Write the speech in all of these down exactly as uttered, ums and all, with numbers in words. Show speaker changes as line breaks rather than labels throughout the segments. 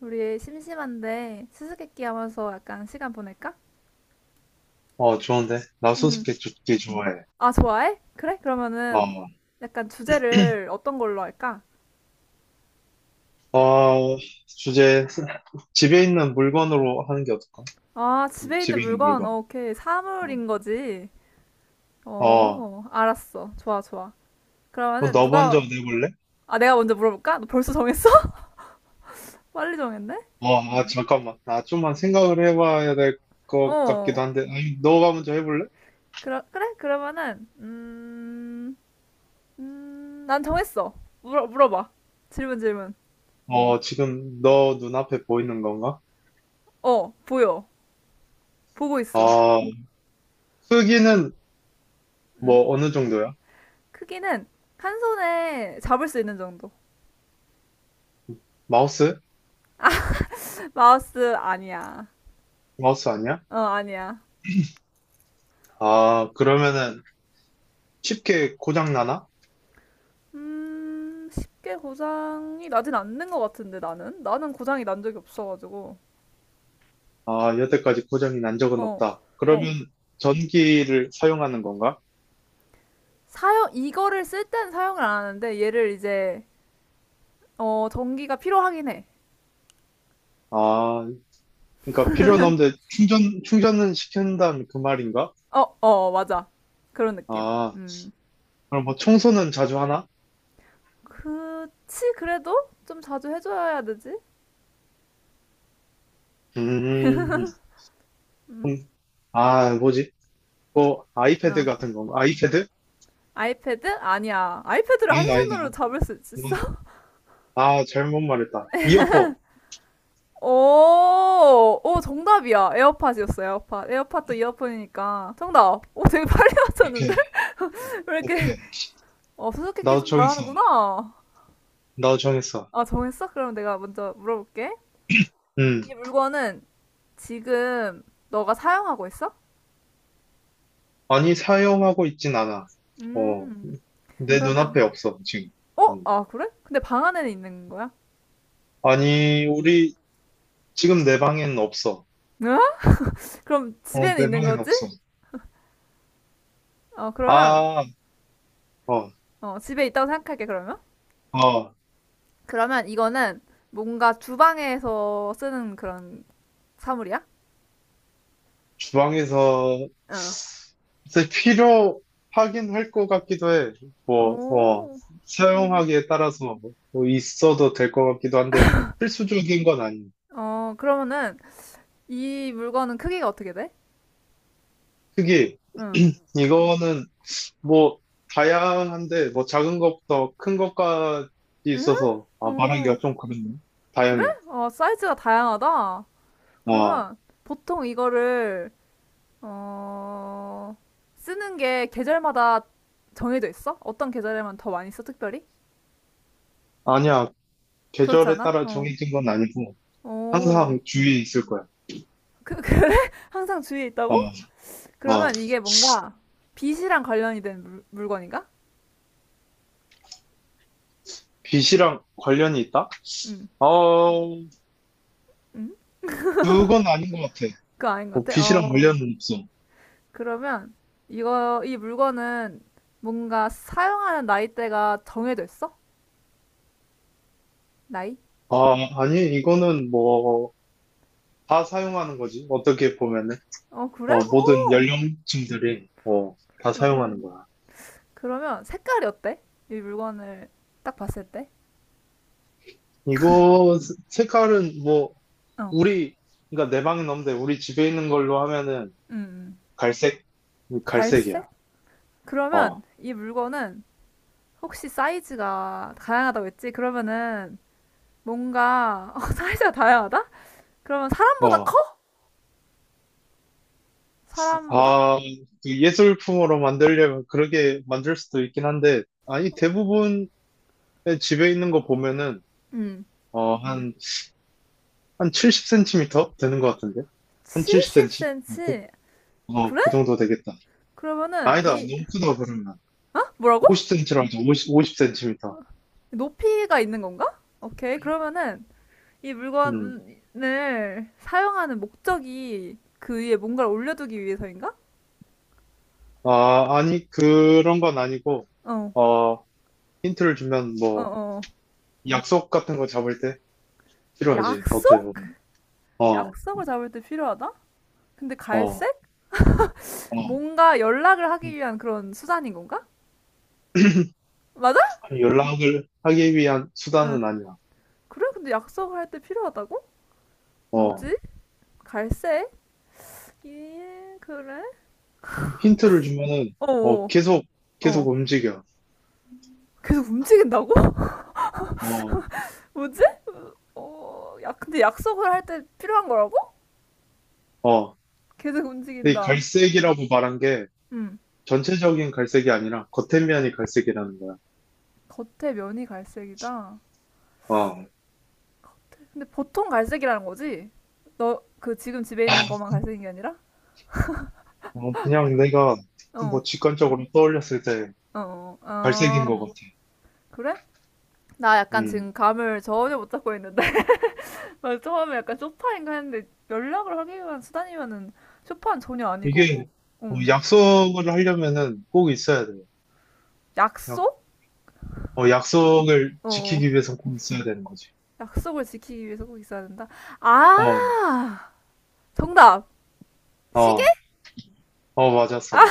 우리 심심한데 수수께끼 하면서 약간 시간 보낼까?
어, 좋은데? 나
음.
수수께끼 좋게 좋아해.
아, 좋아해? 그래? 그러면은
어,
약간 주제를 어떤 걸로 할까?
어, 주제, 집에 있는 물건으로 하는 게 어떨까?
아,
음,
집에 있는
집에 있는
물건.
물건.
어, 오케이.
어,
사물인 거지.
어,
어, 알았어. 좋아, 좋아.
그럼
그러면은
너 먼저
누가
내볼래?
아, 내가 먼저 물어볼까? 너 벌써 정했어? 빨리 정했네?
어, 아, 잠깐만. 나 좀만 생각을 해봐야 될 것
어.
같기도 한데. 아니, 너가 먼저 해볼래?
그러, 그래? 그러면은 음. 음, 난 정했어. 물어 물어봐. 질문 질문.
어, 지금 너 눈앞에 보이는 건가?
어, 보여. 보고 있어.
어, 크기는
음?
뭐 어느 정도야?
크기는 한 손에 잡을 수 있는 정도.
마우스?
마우스 아니야.
마우스 아니야?
어, 아니야.
아, 그러면은 쉽게 고장 나나?
음, 쉽게 고장이 나진 않는 것 같은데, 나는? 나는 고장이 난 적이 없어가지고.
아, 여태까지 고장이 난 적은
어,
없다.
어.
그러면 전기를 사용하는 건가?
사용, 이거를 쓸 땐 사용을 안 하는데, 얘를 이제, 어, 전기가 필요하긴 해.
아, 그러니까 필요는 없는데 충전, 충전은 시킨다면 그 말인가?
어, 어, 맞아. 그런 느낌.
아,
음.
그럼 뭐 청소는 자주 하나?
그치, 그래도 좀 자주 해줘야 되지?
음,
음?
음, 아, 뭐지? 뭐 아이패드
어.
같은 건가? 아이패드?
아이패드? 아니야. 아이패드를 한
아니다,
손으로
아니다.
잡을 수 있어?
이건- 아, 잘못 말했다. 이어폰.
오, 오, 정답이야. 에어팟이었어요, 에어팟. 에어팟도 이어폰이니까. 정답. 오, 되게 빨리 맞췄는데?
오케이,
왜 이렇게,
오케이.
어, 수수께끼
나도
좀
정했어.
잘하는구나.
나도 정했어.
아, 정했어? 그럼 내가 먼저 물어볼게.
음,
이 물건은 지금 너가 사용하고 있어?
아니, 사용하고 있진 않아. 어,
음,
내
그러면,
눈앞에 없어, 지금.
어?
음.
아, 그래? 근데 방 안에는 있는 거야?
아니, 우리 지금 내 방에는 없어.
응? 그럼
어,
집에는
내
있는
방에는
거지?
없어.
어, 그러면,
아, 어,
어, 집에 있다고 생각할게, 그러면.
어,
그러면 이거는 뭔가 주방에서 쓰는 그런 사물이야?
주방에서
어.
글쎄 필요하긴 할 것 같기도 해. 뭐, 어,
오, 그러고.
사용하기에 따라서 뭐 뭐 있어도 될 것 같기도 한데 필수적인 건 아니야.
어, 그러면은 이 물건은 크기가 어떻게 돼?
크기,
응.
이거는 뭐 다양한데 뭐 작은 것부터 큰 것까지
응?
있어서 아, 말하기가
어
좀 그렇네.
그래?
다양해.
어, 사이즈가 다양하다.
와,
그러면 보통 이거를 어, 쓰는 게 계절마다 정해져 있어? 어떤 계절에만 더 많이 써, 특별히?
아니야.
그렇지
계절에
않아?
따라
어.
정해진 건 아니고.
오.
항상 주위에 있을 거야.
그, 그래? 항상 주위에
어,
있다고?
어.
그러면 이게 뭔가 빛이랑 관련이 된 물, 물건인가?
빚이랑 관련이 있다?
응.
어,
응?
그건 아닌 것 같아.
그거 아닌 것
어,
같아?
빚이랑
어.
관련은 없어.
그러면 이거 이 물건은 뭔가 사용하는 나이대가 정해져 있어? 나이?
아, 아니, 이거는 뭐, 다 사용하는 거지. 어떻게 보면은.
어 그래?
어, 모든
오.
연령층들이, 어, 다
어, 어.
사용하는 거야.
그러면 색깔이 어때? 이 물건을 딱 봤을 때?
이거, 스- 색깔은 뭐,
어.
우리, 그러니까 내 방은 없는데, 우리 집에 있는 걸로 하면은,
음. 음.
갈색? 갈색이야.
갈색?
어,
그러면 이 물건은 혹시 사이즈가 다양하다고 했지? 그러면은 뭔가 어, 사이즈가 다양하다? 그러면 사람보다
어.
커? 사람보다?
아, 그 예술품으로 만들려면 그렇게 만들 수도 있긴 한데, 아니, 대부분의 집에 있는 거 보면은,
음.
어, 한, 한 칠십 센티미터 되는 것 같은데? 한 칠십 센티미터? 어, 그,
칠십 센티미터.
어,
그래?
그 정도 되겠다.
그러면은
아니다,
이
너무 크다, 그러면.
어? 뭐라고?
오십 센티미터라도, 오십 오십 센티미터.
높이가 있는 건가? 오케이. 그러면은 이
음.
물건을 사용하는 목적이 그 위에 뭔가를 올려두기 위해서인가?
아, 아니, 그런 건 아니고,
어,
어, 힌트를 주면
어,
뭐,
어.
약속 같은 거 잡을 때 필요하지, 어떻게
약속?
보면. 어,
약속을 잡을 때 필요하다? 근데
어,
갈색?
어.
뭔가 연락을 하기 위한 그런 수단인 건가? 맞아?
연락을 하기 위한
응.
수단은 아니야.
그래? 근데 약속을 할 때 필요하다고?
어,
뭐지? 갈색? 예, 그래?
힌트를 주면은,
어,
어,
어,
계속, 계속
어.
움직여.
계속 움직인다고?
어,
뭐지? 어, 야, 근데 약속을 할 때 필요한 거라고?
어.
계속
근데 이
움직인다.
갈색이라고 말한 게
음.
전체적인 갈색이 아니라 겉에면이 갈색이라는 거야.
겉에 면이 갈색이다.
어,
근데 보통 갈색이라는 거지? 너 그 지금 집에 있는 것만 갈색인 게 아니라?
어, 그냥 내가
어,
뭐 직관적으로 떠올렸을 때
어, 어.
갈색인 것 같아.
그래? 나 약간
음,
지금 감을 전혀 못 잡고 있는데. 나 처음에 약간 쇼파인가 했는데 연락을 하기 위한 수단이면은 쇼파는 전혀 아니고
이게
뭐,
어,
응.
약속을 하려면은 꼭 있어야 돼. 약-
약속?
어, 약속을
어,
지키기 위해서 꼭 있어야 되는 거지.
약속을 지키기 위해서 꼭 있어야 된다.
어,
아, 정답. 시계.
어, 어, 맞았어.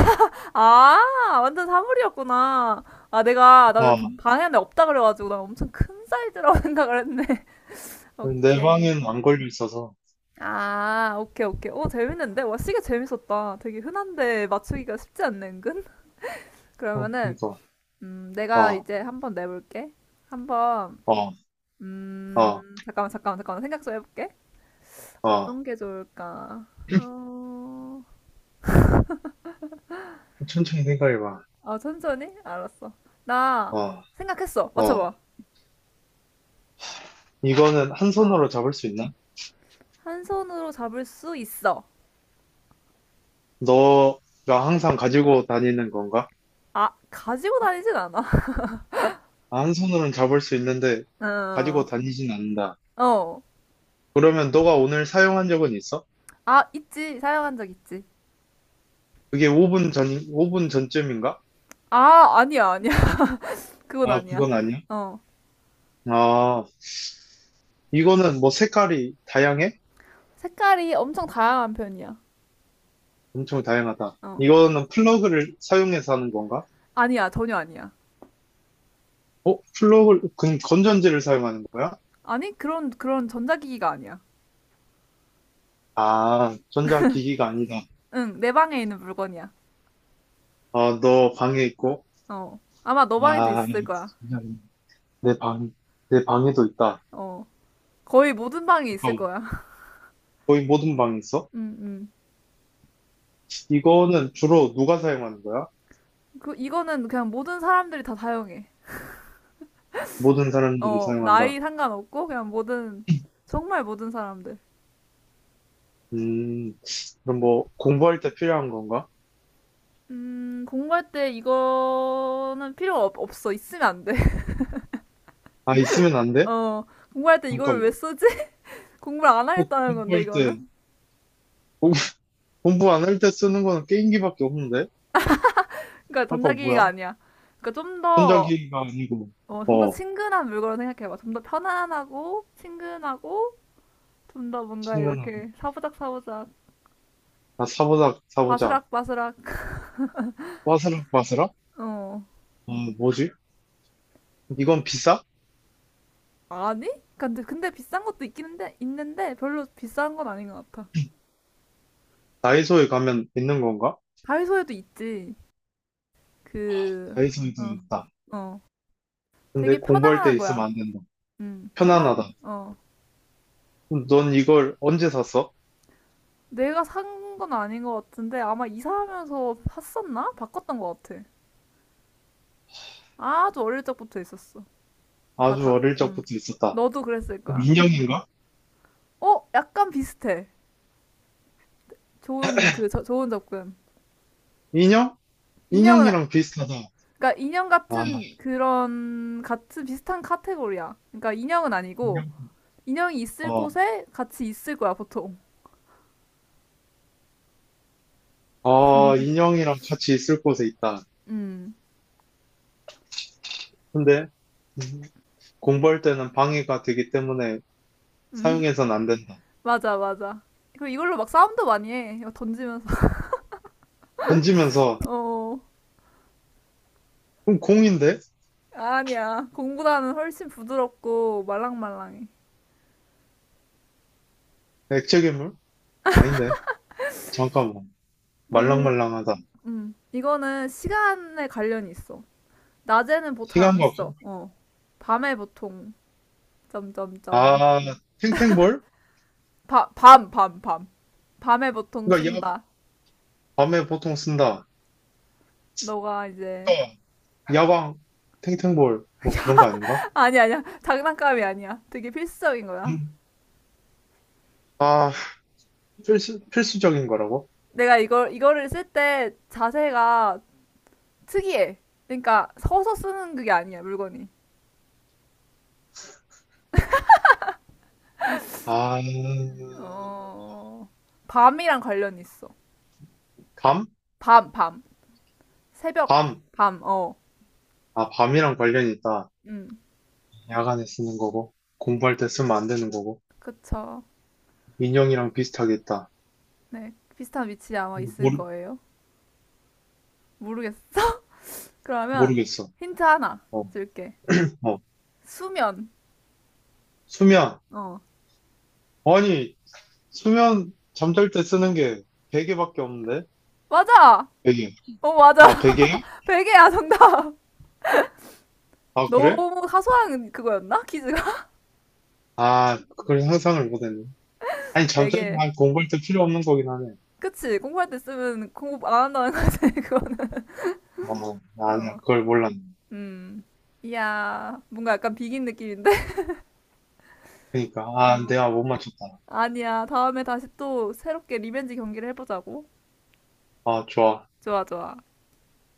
아, 완전 사물이었구나. 아, 내가, 나는
어,
방에 안에 없다 그래가지고, 나 엄청 큰 사이즈라고 생각을 했네.
내
오케이.
방엔 안 걸려 있어서.
아, 오케이, 오케이. 오, 재밌는데? 와, 시계 재밌었다. 되게 흔한데 맞추기가 쉽지 않네, 은근?
어,
그러면은,
그러니까.
음, 내가
어,
이제 한번 내볼게. 한번,
어, 어,
음, 잠깐만, 잠깐만, 잠깐만. 생각 좀 해볼게.
어.
어떤 게 좋을까? 어,
천천히 생각해봐.
아, 천천히? 알았어. 나
어,
생각했어.
어.
맞춰봐.
이거는 한
어.
손으로 잡을 수 있나?
한 손으로 잡을 수 있어.
너가 항상 가지고 다니는 건가?
아, 가지고 다니진 않아.
아, 한 손으로는 잡을 수 있는데 가지고
어,
다니진 않는다.
어.
그러면 너가 오늘 사용한 적은 있어?
아, 있지. 사용한 적 있지.
그게 오 분 전, 오 분 전쯤인가?
아, 아니야, 아니야. 그건
아,
아니야.
그건 아니야.
어,
아, 이거는 뭐 색깔이 다양해?
색깔이 엄청 다양한 편이야.
엄청 다양하다.
어. 그-
이거는 플러그를 사용해서 하는 건가?
아니야, 전혀 아니야.
어? 플러그 건, 건전지를 사용하는 거야?
아니, 그런, 그런 전자기기가 아니야.
아, 전자기기가 아니다.
응, 내 방에 있는 물건이야.
아, 너 방에 있고?
어. 아마 너 방에도
아,
있을 거야.
전자기기.. 내 방, 내 방에도 있다.
어. 거의 모든 방에 있을
잠깐만.
거야.
거의 모든 방에 있어?
응 응
이거는 주로 누가 사용하는 거야?
그, 이거는 그냥 모든 사람들이 다 사용해.
모든 사람들이
어, 나이
사용한다.
상관없고, 그냥 모든, 정말 모든 사람들.
음, 그럼 뭐, 공부할 때 필요한 건가?
음, 공부할 때 이거는 필요가 없, 없어. 있으면 안 돼.
아, 있으면 안 돼?
어, 공부할 때 이걸 왜
잠깐만.
쓰지? 공부를 안
어,
하겠다는 건데,
공부할 때,
이거는.
공- 공부 안 할 때 쓰는 거는 게임기밖에 없는데?
그러니까 전
아까
자기기가
뭐야?
아니야. 그러니까 좀 더,
전자기기가 아니고,
어, 좀 더
어,
친근한 물건을 생각해봐. 좀 더 편안하고, 친근하고, 좀 더 뭔가
생각나.
이렇게 사부작사부작,
아, 사보작, 사보작.
바스락바스락,
빠스락, 빠스락?
어.
아, 뭐지? 이건 비싸?
아니? 그러니까 근데, 근데 비싼 것도 있긴 한데, 있는데, 별로 비싼 건 아닌 것 같아.
다이소에 가면 있는 건가?
다이소에도 있지. 그,
다이소에도
어,
있다.
어. 되게
근데 공부할 때
편안한
있으면
거야.
안 된다.
음, 편한,
편안하다.
어.
그럼 넌 이걸 언제 샀어?
내가 산 건 아닌 것 같은데, 아마 이사하면서 샀었나? 바꿨던 것 같아. 아주 어릴 적부터 있었어. 다,
아주
다,
어릴
음.
적부터 있었다.
너도 그랬을
그럼
거야.
인형인가?
어? 약간 비슷해. 좋은, 그, 저, 좋은 접근.
인형?
인형은, 아-
인형이랑 비슷하다.
그러니까 인형
아,
같은 그런, 같은 비슷한 카테고리야. 그러니까 인형은 아니고,
인형.
인형이 있을
어,
곳에 같이 있을 거야, 보통.
아, 인형이랑 같이 있을 곳에 있다.
음.
근데 음, 공부할 때는 방해가 되기 때문에
음.
사용해선 안 된다.
맞아, 맞아. 그리고 이걸로 막 싸움도 많이 해. 이거 던지면서.
던지면서,
어.
그럼 공인데?
아니야. 공보다는 훨씬 부드럽고 말랑말랑해.
액체 괴물? 아닌데. 잠깐만.
뭔,
말랑말랑하다.
음. 이거는 시간에 관련이 있어. 낮에는 보 잘안
시간과, 거-
써. 어. 밤에 보통, 점점점.
아, 탱탱볼?
바, 밤, 밤, 밤. 밤에 보통
그니까, 야,
쓴다.
밤에 보통 쓴다.
너가 이제.
그니까, 야광, 탱탱볼, 뭐 그런 거 아닌가?
아니, 아니야. 장난감이 아니야. 되게 필수적인 거야.
음. 아, 필수, 필수적인 거라고?
내가 이걸, 이거를 쓸 때 자세가 특이해. 그러니까 서서 쓰는 그게 아니야, 물건이.
아,
어, 밤이랑 관련이 있어.
밤?
밤, 밤. 새벽,
밤.
밤, 어.
아, 밤이랑 관련이 있다.
음,
야간에 쓰는 거고, 공부할 때 쓰면 안 되는 거고,
그쵸.
인형이랑 비슷하게 있다.
네, 비슷한 위치에 아마 있을
모르,
거예요. 모르겠어. 그러면
모르겠어.
힌트 하나
어,
줄게.
어.
수면.
수면.
어.
아니, 수면, 잠잘 때 쓰는 게 베개밖에 없는데?
맞아!
베개.
어, 맞아.
아, 베개요?
베개야, 정답.
아, 그래?
너무 사소한 그거였나? 퀴즈가?
아, 그걸 상상을 못했네. 아니, 잠자리
베개.
아, 공부할 때 필요 없는 거긴 하네.
그치? 공부할 때 쓰면 공부 안 한다는 거지, 그거는.
어, 아니야,
어,
그걸 몰랐네.
음. 이야, 뭔가 약간 비긴 느낌인데?
그러니까, 아,
어.
내가 못 맞췄다.
아니야, 다음에 다시 또 새롭게 리벤지 경기를 해보자고.
아, 좋아.
좋아, 좋아.